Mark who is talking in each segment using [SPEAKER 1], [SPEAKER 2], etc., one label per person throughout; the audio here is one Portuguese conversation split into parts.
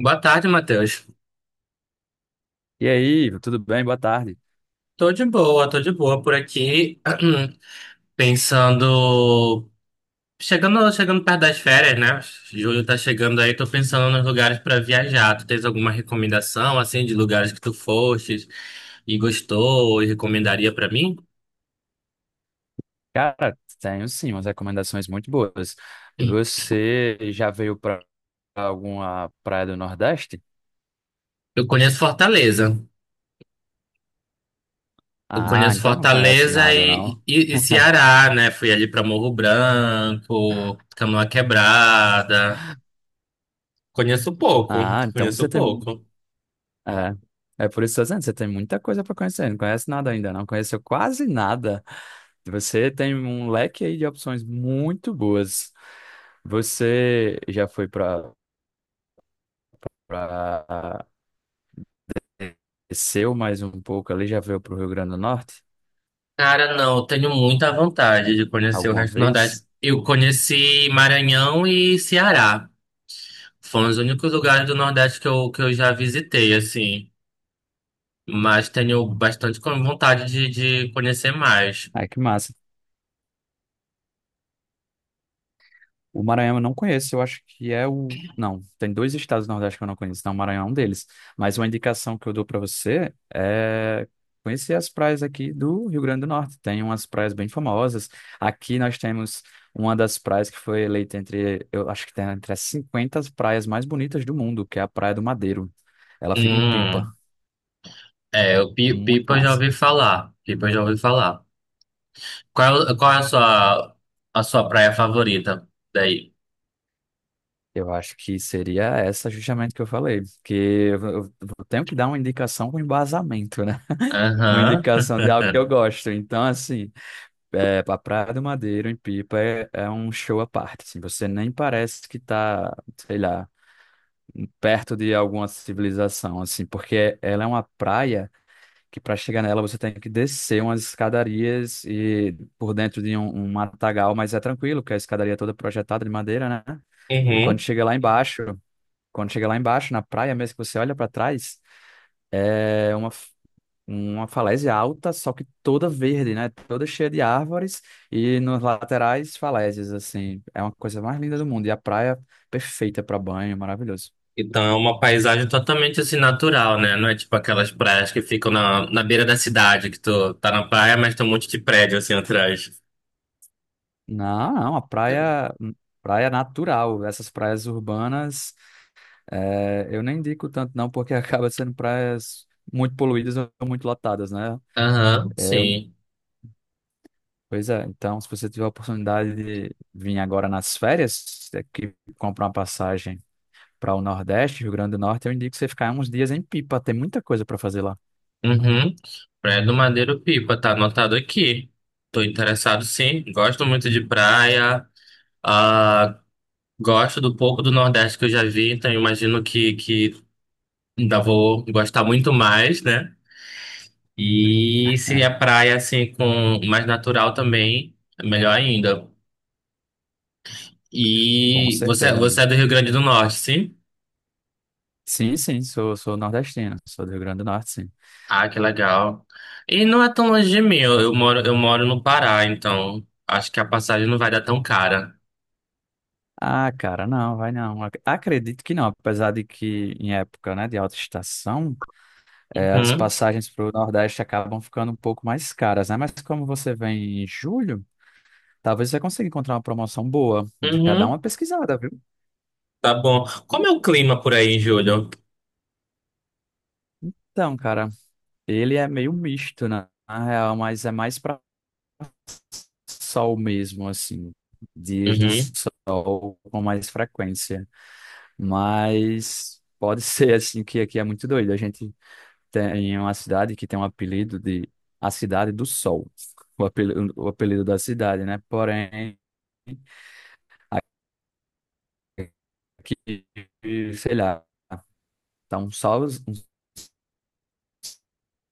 [SPEAKER 1] Boa tarde, Matheus.
[SPEAKER 2] E aí, tudo bem? Boa tarde.
[SPEAKER 1] Tô de boa por aqui, pensando, chegando perto das férias, né? Julho tá chegando aí, tô pensando nos lugares pra viajar. Tu tens alguma recomendação assim de lugares que tu fostes e gostou e recomendaria pra mim?
[SPEAKER 2] Cara, tenho sim umas recomendações muito boas. Você já veio para alguma praia do Nordeste?
[SPEAKER 1] Eu conheço Fortaleza. Eu
[SPEAKER 2] Ah,
[SPEAKER 1] conheço
[SPEAKER 2] então não conhece
[SPEAKER 1] Fortaleza
[SPEAKER 2] nada, não.
[SPEAKER 1] e Ceará, né? Fui ali pra Morro Branco, Canoa Quebrada. Conheço pouco,
[SPEAKER 2] Ah, então você
[SPEAKER 1] conheço
[SPEAKER 2] tem.
[SPEAKER 1] pouco.
[SPEAKER 2] É, é por isso que eu tô dizendo, você tem muita coisa para conhecer. Não conhece nada ainda, não conheceu quase nada. Você tem um leque aí de opções muito boas. Você já foi para desceu mais um pouco ali, já veio para o Rio Grande do Norte?
[SPEAKER 1] Cara, não, eu tenho muita vontade de conhecer o
[SPEAKER 2] Alguma
[SPEAKER 1] resto do Nordeste.
[SPEAKER 2] vez?
[SPEAKER 1] Eu conheci Maranhão e Ceará. Foram os únicos lugares do Nordeste que eu já visitei, assim. Mas tenho bastante vontade de conhecer mais.
[SPEAKER 2] Ai, que massa. O Maranhão eu não conheço, eu acho que é o. Não, tem dois estados do Nordeste que eu não conheço, então o Maranhão é um deles. Mas uma indicação que eu dou para você é conhecer as praias aqui do Rio Grande do Norte. Tem umas praias bem famosas. Aqui nós temos uma das praias que foi eleita entre, eu acho que tem entre as 50 praias mais bonitas do mundo, que é a Praia do Madeiro. Ela fica em Pipa.
[SPEAKER 1] Hum, é, o
[SPEAKER 2] Muito
[SPEAKER 1] Pipa eu já ouvi
[SPEAKER 2] massa.
[SPEAKER 1] falar. Pipa eu já ouvi falar. Qual, qual é a sua praia favorita daí?
[SPEAKER 2] Eu acho que seria essa justamente que eu falei, que eu tenho que dar uma indicação com embasamento, né? Uma
[SPEAKER 1] Aham.
[SPEAKER 2] indicação de algo que eu gosto. Então, assim, é, a Praia do Madeiro, em Pipa, é, é um show à parte. Assim, você nem parece que tá, sei lá, perto de alguma civilização, assim, porque ela é uma praia que para chegar nela você tem que descer umas escadarias e por dentro de um matagal, mas é tranquilo, porque a escadaria é toda projetada de madeira, né? E
[SPEAKER 1] Uhum.
[SPEAKER 2] quando chega lá embaixo, na praia mesmo, que você olha para trás, é uma falésia alta, só que toda verde, né? Toda cheia de árvores e nos laterais falésias, assim. É uma coisa mais linda do mundo. E a praia perfeita para banho, maravilhoso.
[SPEAKER 1] Então é uma paisagem totalmente assim natural, né? Não é tipo aquelas praias que ficam na beira da cidade, que tu tá na praia, mas tem um monte de prédio assim atrás.
[SPEAKER 2] Não, não, a
[SPEAKER 1] Eu-
[SPEAKER 2] praia, praia natural. Essas praias urbanas, é, eu nem indico tanto não, porque acaba sendo praias muito poluídas ou muito lotadas, né?
[SPEAKER 1] Aham, sim.
[SPEAKER 2] Pois é, então se você tiver a oportunidade de vir agora nas férias, é que comprar uma passagem para o Nordeste, Rio Grande do Norte, eu indico você ficar uns dias em Pipa, tem muita coisa para fazer lá.
[SPEAKER 1] Uhum. Praia do Madeiro Pipa, tá anotado aqui. Tô interessado sim, gosto muito de praia. Ah, gosto do pouco do Nordeste que eu já vi, então eu imagino que ainda vou gostar muito mais, né? E se
[SPEAKER 2] É,
[SPEAKER 1] é praia assim com mais natural também, é melhor ainda.
[SPEAKER 2] com
[SPEAKER 1] E
[SPEAKER 2] certeza,
[SPEAKER 1] você
[SPEAKER 2] amigo.
[SPEAKER 1] é do Rio Grande do Norte, sim?
[SPEAKER 2] Sim, sim, sou, sou nordestino, sou do Rio Grande do Norte, sim.
[SPEAKER 1] Ah, que legal. E não é tão longe de mim, eu moro no Pará, então acho que a passagem não vai dar tão cara.
[SPEAKER 2] Ah, cara, não, vai não. Acredito que não, apesar de que em época, né, de alta estação, as
[SPEAKER 1] Uhum,
[SPEAKER 2] passagens para o Nordeste acabam ficando um pouco mais caras, né? Mas como você vem em julho, talvez você consiga encontrar uma promoção boa. Já dá
[SPEAKER 1] uhum,
[SPEAKER 2] uma pesquisada, viu?
[SPEAKER 1] tá bom. Como é o clima por aí, Júlio?
[SPEAKER 2] Então, cara, ele é meio misto, né? Na real, mas é mais pra sol mesmo, assim. Dias de
[SPEAKER 1] Uhum,
[SPEAKER 2] sol com mais frequência. Mas pode ser, assim, que aqui é muito doido. A gente tem uma cidade que tem um apelido de a Cidade do Sol. O apelido da cidade, né? Porém, aqui, sei lá, tá um sol, um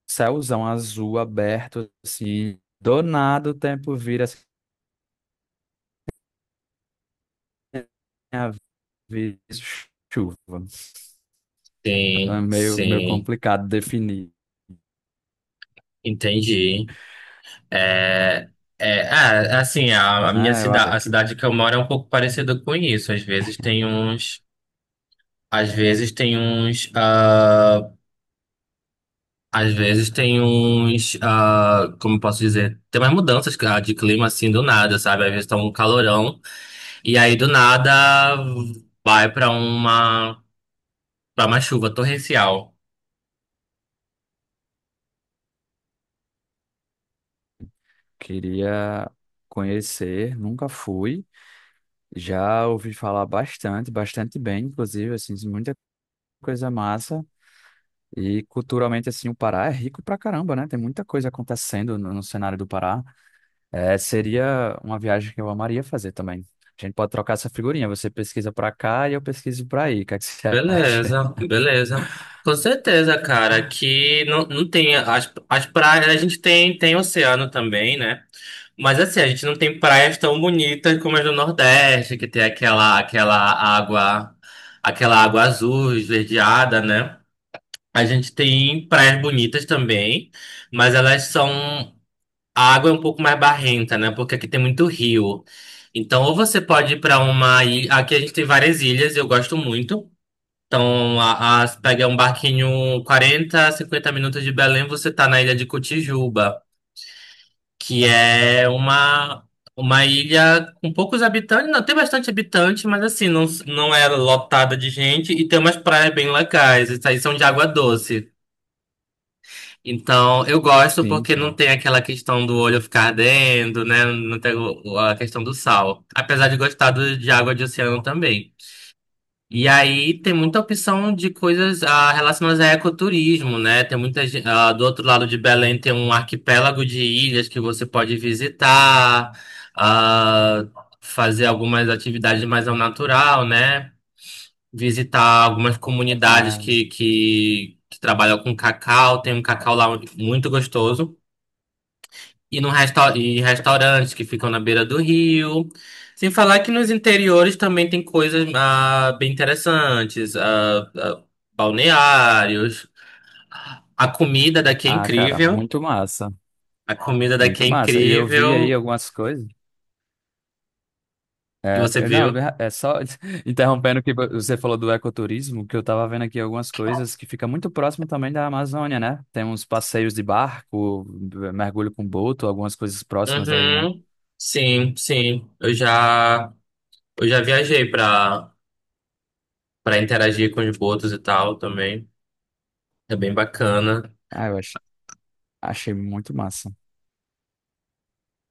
[SPEAKER 2] céuzão azul aberto, assim. Do nada o tempo vira assim vezes chuva. Então é
[SPEAKER 1] sim,
[SPEAKER 2] meio
[SPEAKER 1] sim,
[SPEAKER 2] complicado definir,
[SPEAKER 1] entendi. É, é, assim, a minha
[SPEAKER 2] né? Eu acho
[SPEAKER 1] cidade, a
[SPEAKER 2] que
[SPEAKER 1] cidade que eu moro é um pouco parecida com isso. Às vezes tem uns, às vezes tem uns, Às vezes tem uns, como eu posso dizer, tem umas mudanças de clima assim do nada, sabe? Às vezes tá um calorão e aí do nada vai pra uma para uma chuva torrencial.
[SPEAKER 2] queria conhecer, nunca fui. Já ouvi falar bastante, bastante bem, inclusive, assim, muita coisa massa. E culturalmente, assim, o Pará é rico pra caramba, né? Tem muita coisa acontecendo no cenário do Pará. É, seria uma viagem que eu amaria fazer também. A gente pode trocar essa figurinha. Você pesquisa pra cá e eu pesquiso pra aí. O que é que você acha?
[SPEAKER 1] Beleza, beleza. Com certeza, cara, aqui não, não tem as praias, a gente tem oceano também, né? Mas assim, a gente não tem praias tão bonitas como as do Nordeste, que tem aquela água, aquela água azul esverdeada, né? A gente tem praias bonitas também, mas elas são. A água é um pouco mais barrenta, né? Porque aqui tem muito rio. Então, ou você pode ir para uma ilha. Aqui a gente tem várias ilhas, eu gosto muito. Então, você pega um barquinho 40, 50 minutos de Belém, você tá na ilha de Cotijuba, que é uma ilha com poucos habitantes. Não, tem bastante habitante, mas assim, não, não é lotada de gente e tem umas praias bem legais. Essas aí são de água doce. Então, eu gosto
[SPEAKER 2] Sim,
[SPEAKER 1] porque não
[SPEAKER 2] sim.
[SPEAKER 1] tem aquela questão do olho ficar ardendo, né? Não tem a questão do sal. Apesar de gostar de água de oceano também. E aí tem muita opção de coisas relacionadas a ecoturismo, né? Tem muita, do outro lado de Belém tem um arquipélago de ilhas que você pode visitar, ah, fazer algumas atividades mais ao natural, né? Visitar algumas comunidades
[SPEAKER 2] Ah,
[SPEAKER 1] que trabalham com cacau. Tem um cacau lá muito gostoso. E, no resta e restaurantes que ficam na beira do rio. Sem falar que nos interiores também tem coisas bem interessantes. Balneários. A comida daqui é
[SPEAKER 2] cara,
[SPEAKER 1] incrível.
[SPEAKER 2] muito massa.
[SPEAKER 1] A comida daqui
[SPEAKER 2] Muito
[SPEAKER 1] é
[SPEAKER 2] massa. E eu vi aí
[SPEAKER 1] incrível.
[SPEAKER 2] algumas coisas.
[SPEAKER 1] E você
[SPEAKER 2] Não,
[SPEAKER 1] viu?
[SPEAKER 2] é só interrompendo o que você falou do ecoturismo, que eu tava vendo aqui algumas coisas que fica muito próximo também da Amazônia, né? Tem uns passeios de barco, mergulho com boto, algumas coisas próximas daí, né?
[SPEAKER 1] Uhum. Sim, sim. Eu já viajei para interagir com os botos e tal também. É bem bacana.
[SPEAKER 2] Ah, eu ach- Achei muito massa.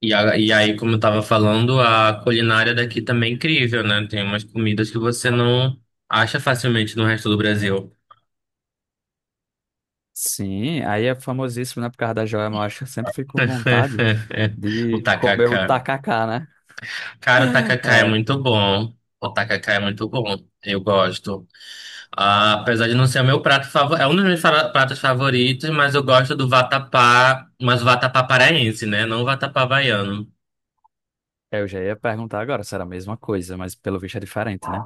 [SPEAKER 1] E, e aí, como eu tava falando, a culinária daqui também é incrível, né? Tem umas comidas que você não acha facilmente no resto do Brasil.
[SPEAKER 2] Sim, aí é famosíssimo, né? Por causa da joia, mas eu acho que eu sempre fico com vontade
[SPEAKER 1] O
[SPEAKER 2] de comer o
[SPEAKER 1] tacacá.
[SPEAKER 2] tacacá, né?
[SPEAKER 1] Cara, o tacacá é muito bom. O tacacá é muito bom. Eu gosto. Ah, apesar de não ser o meu prato favorito, é um dos meus pratos favoritos, mas eu gosto do vatapá, mas o vatapá paraense, né? Não o vatapá baiano.
[SPEAKER 2] É, eu já ia perguntar agora se era a mesma coisa, mas pelo visto é diferente, né?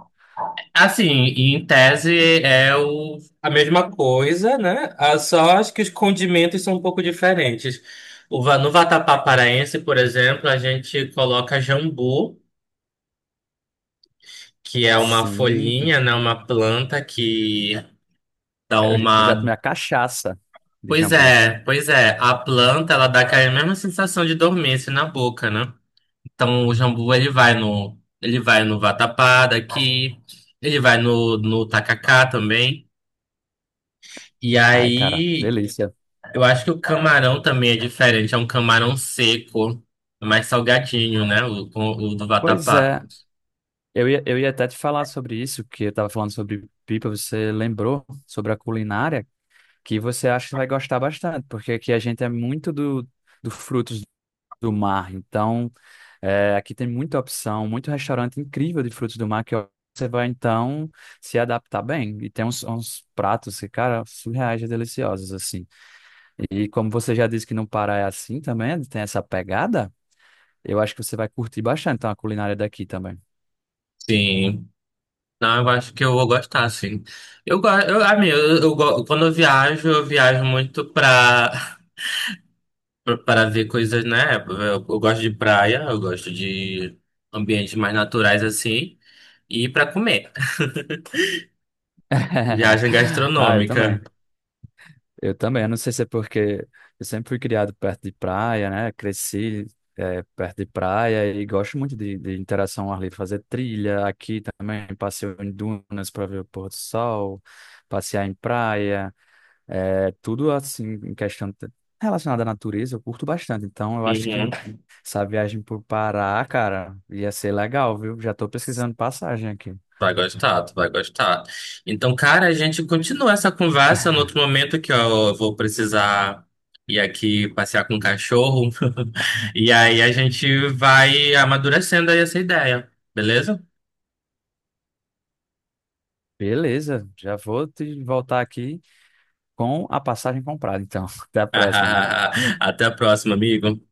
[SPEAKER 1] Assim, e em tese é a mesma coisa, né? Ah, só acho que os condimentos são um pouco diferentes. No vatapá paraense, por exemplo, a gente coloca jambu, que é uma
[SPEAKER 2] Sim,
[SPEAKER 1] folhinha, né? Uma planta que dá
[SPEAKER 2] eu já tomei
[SPEAKER 1] uma.
[SPEAKER 2] a cachaça de
[SPEAKER 1] Pois
[SPEAKER 2] jambu.
[SPEAKER 1] é, pois é. A planta, ela dá aquela mesma sensação de dormência na boca, né? Então o jambu, ele vai no vatapá daqui, ele vai no, no tacacá também. E
[SPEAKER 2] Ai, cara,
[SPEAKER 1] aí,
[SPEAKER 2] delícia.
[SPEAKER 1] eu acho que o camarão também é diferente. É um camarão seco, é mais salgadinho, né? O do
[SPEAKER 2] Pois
[SPEAKER 1] vatapá.
[SPEAKER 2] é, eu ia até te falar sobre isso, que eu tava falando sobre pipa, você lembrou sobre a culinária, que você acha que vai gostar bastante, porque aqui a gente é muito do frutos do mar. Então, é, aqui tem muita opção, muito restaurante incrível de frutos do mar que você vai, então, se adaptar bem. E tem uns pratos que, cara, surreais e deliciosos, assim. E como você já disse que no Pará é assim também, tem essa pegada, eu acho que você vai curtir bastante então, a culinária daqui também.
[SPEAKER 1] Sim. Não, eu acho que eu vou gostar, sim. Eu gosto, eu, amigo, quando eu viajo muito pra, para ver coisas, né? Eu gosto de praia, eu gosto de ambientes mais naturais assim, e pra comer. Viagem
[SPEAKER 2] Ah, eu também.
[SPEAKER 1] gastronômica.
[SPEAKER 2] Eu também. Eu não sei se é porque eu sempre fui criado perto de praia, né? Cresci perto de praia e gosto muito de interação ao ar livre, fazer trilha aqui também, passeio em dunas para ver o pôr do sol, passear em praia, tudo assim, relacionada à natureza, eu curto bastante. Então, eu acho que
[SPEAKER 1] Uhum.
[SPEAKER 2] essa viagem por Pará, cara, ia ser legal, viu? Já estou pesquisando passagem aqui.
[SPEAKER 1] Vai gostar, tu vai gostar. Então, cara, a gente continua essa conversa no outro momento que ó, eu vou precisar ir aqui passear com o cachorro. E aí a gente vai amadurecendo aí essa ideia, beleza?
[SPEAKER 2] Beleza, já vou te voltar aqui com a passagem comprada. Então, até a próxima, amigo.
[SPEAKER 1] Até a próxima, amigo.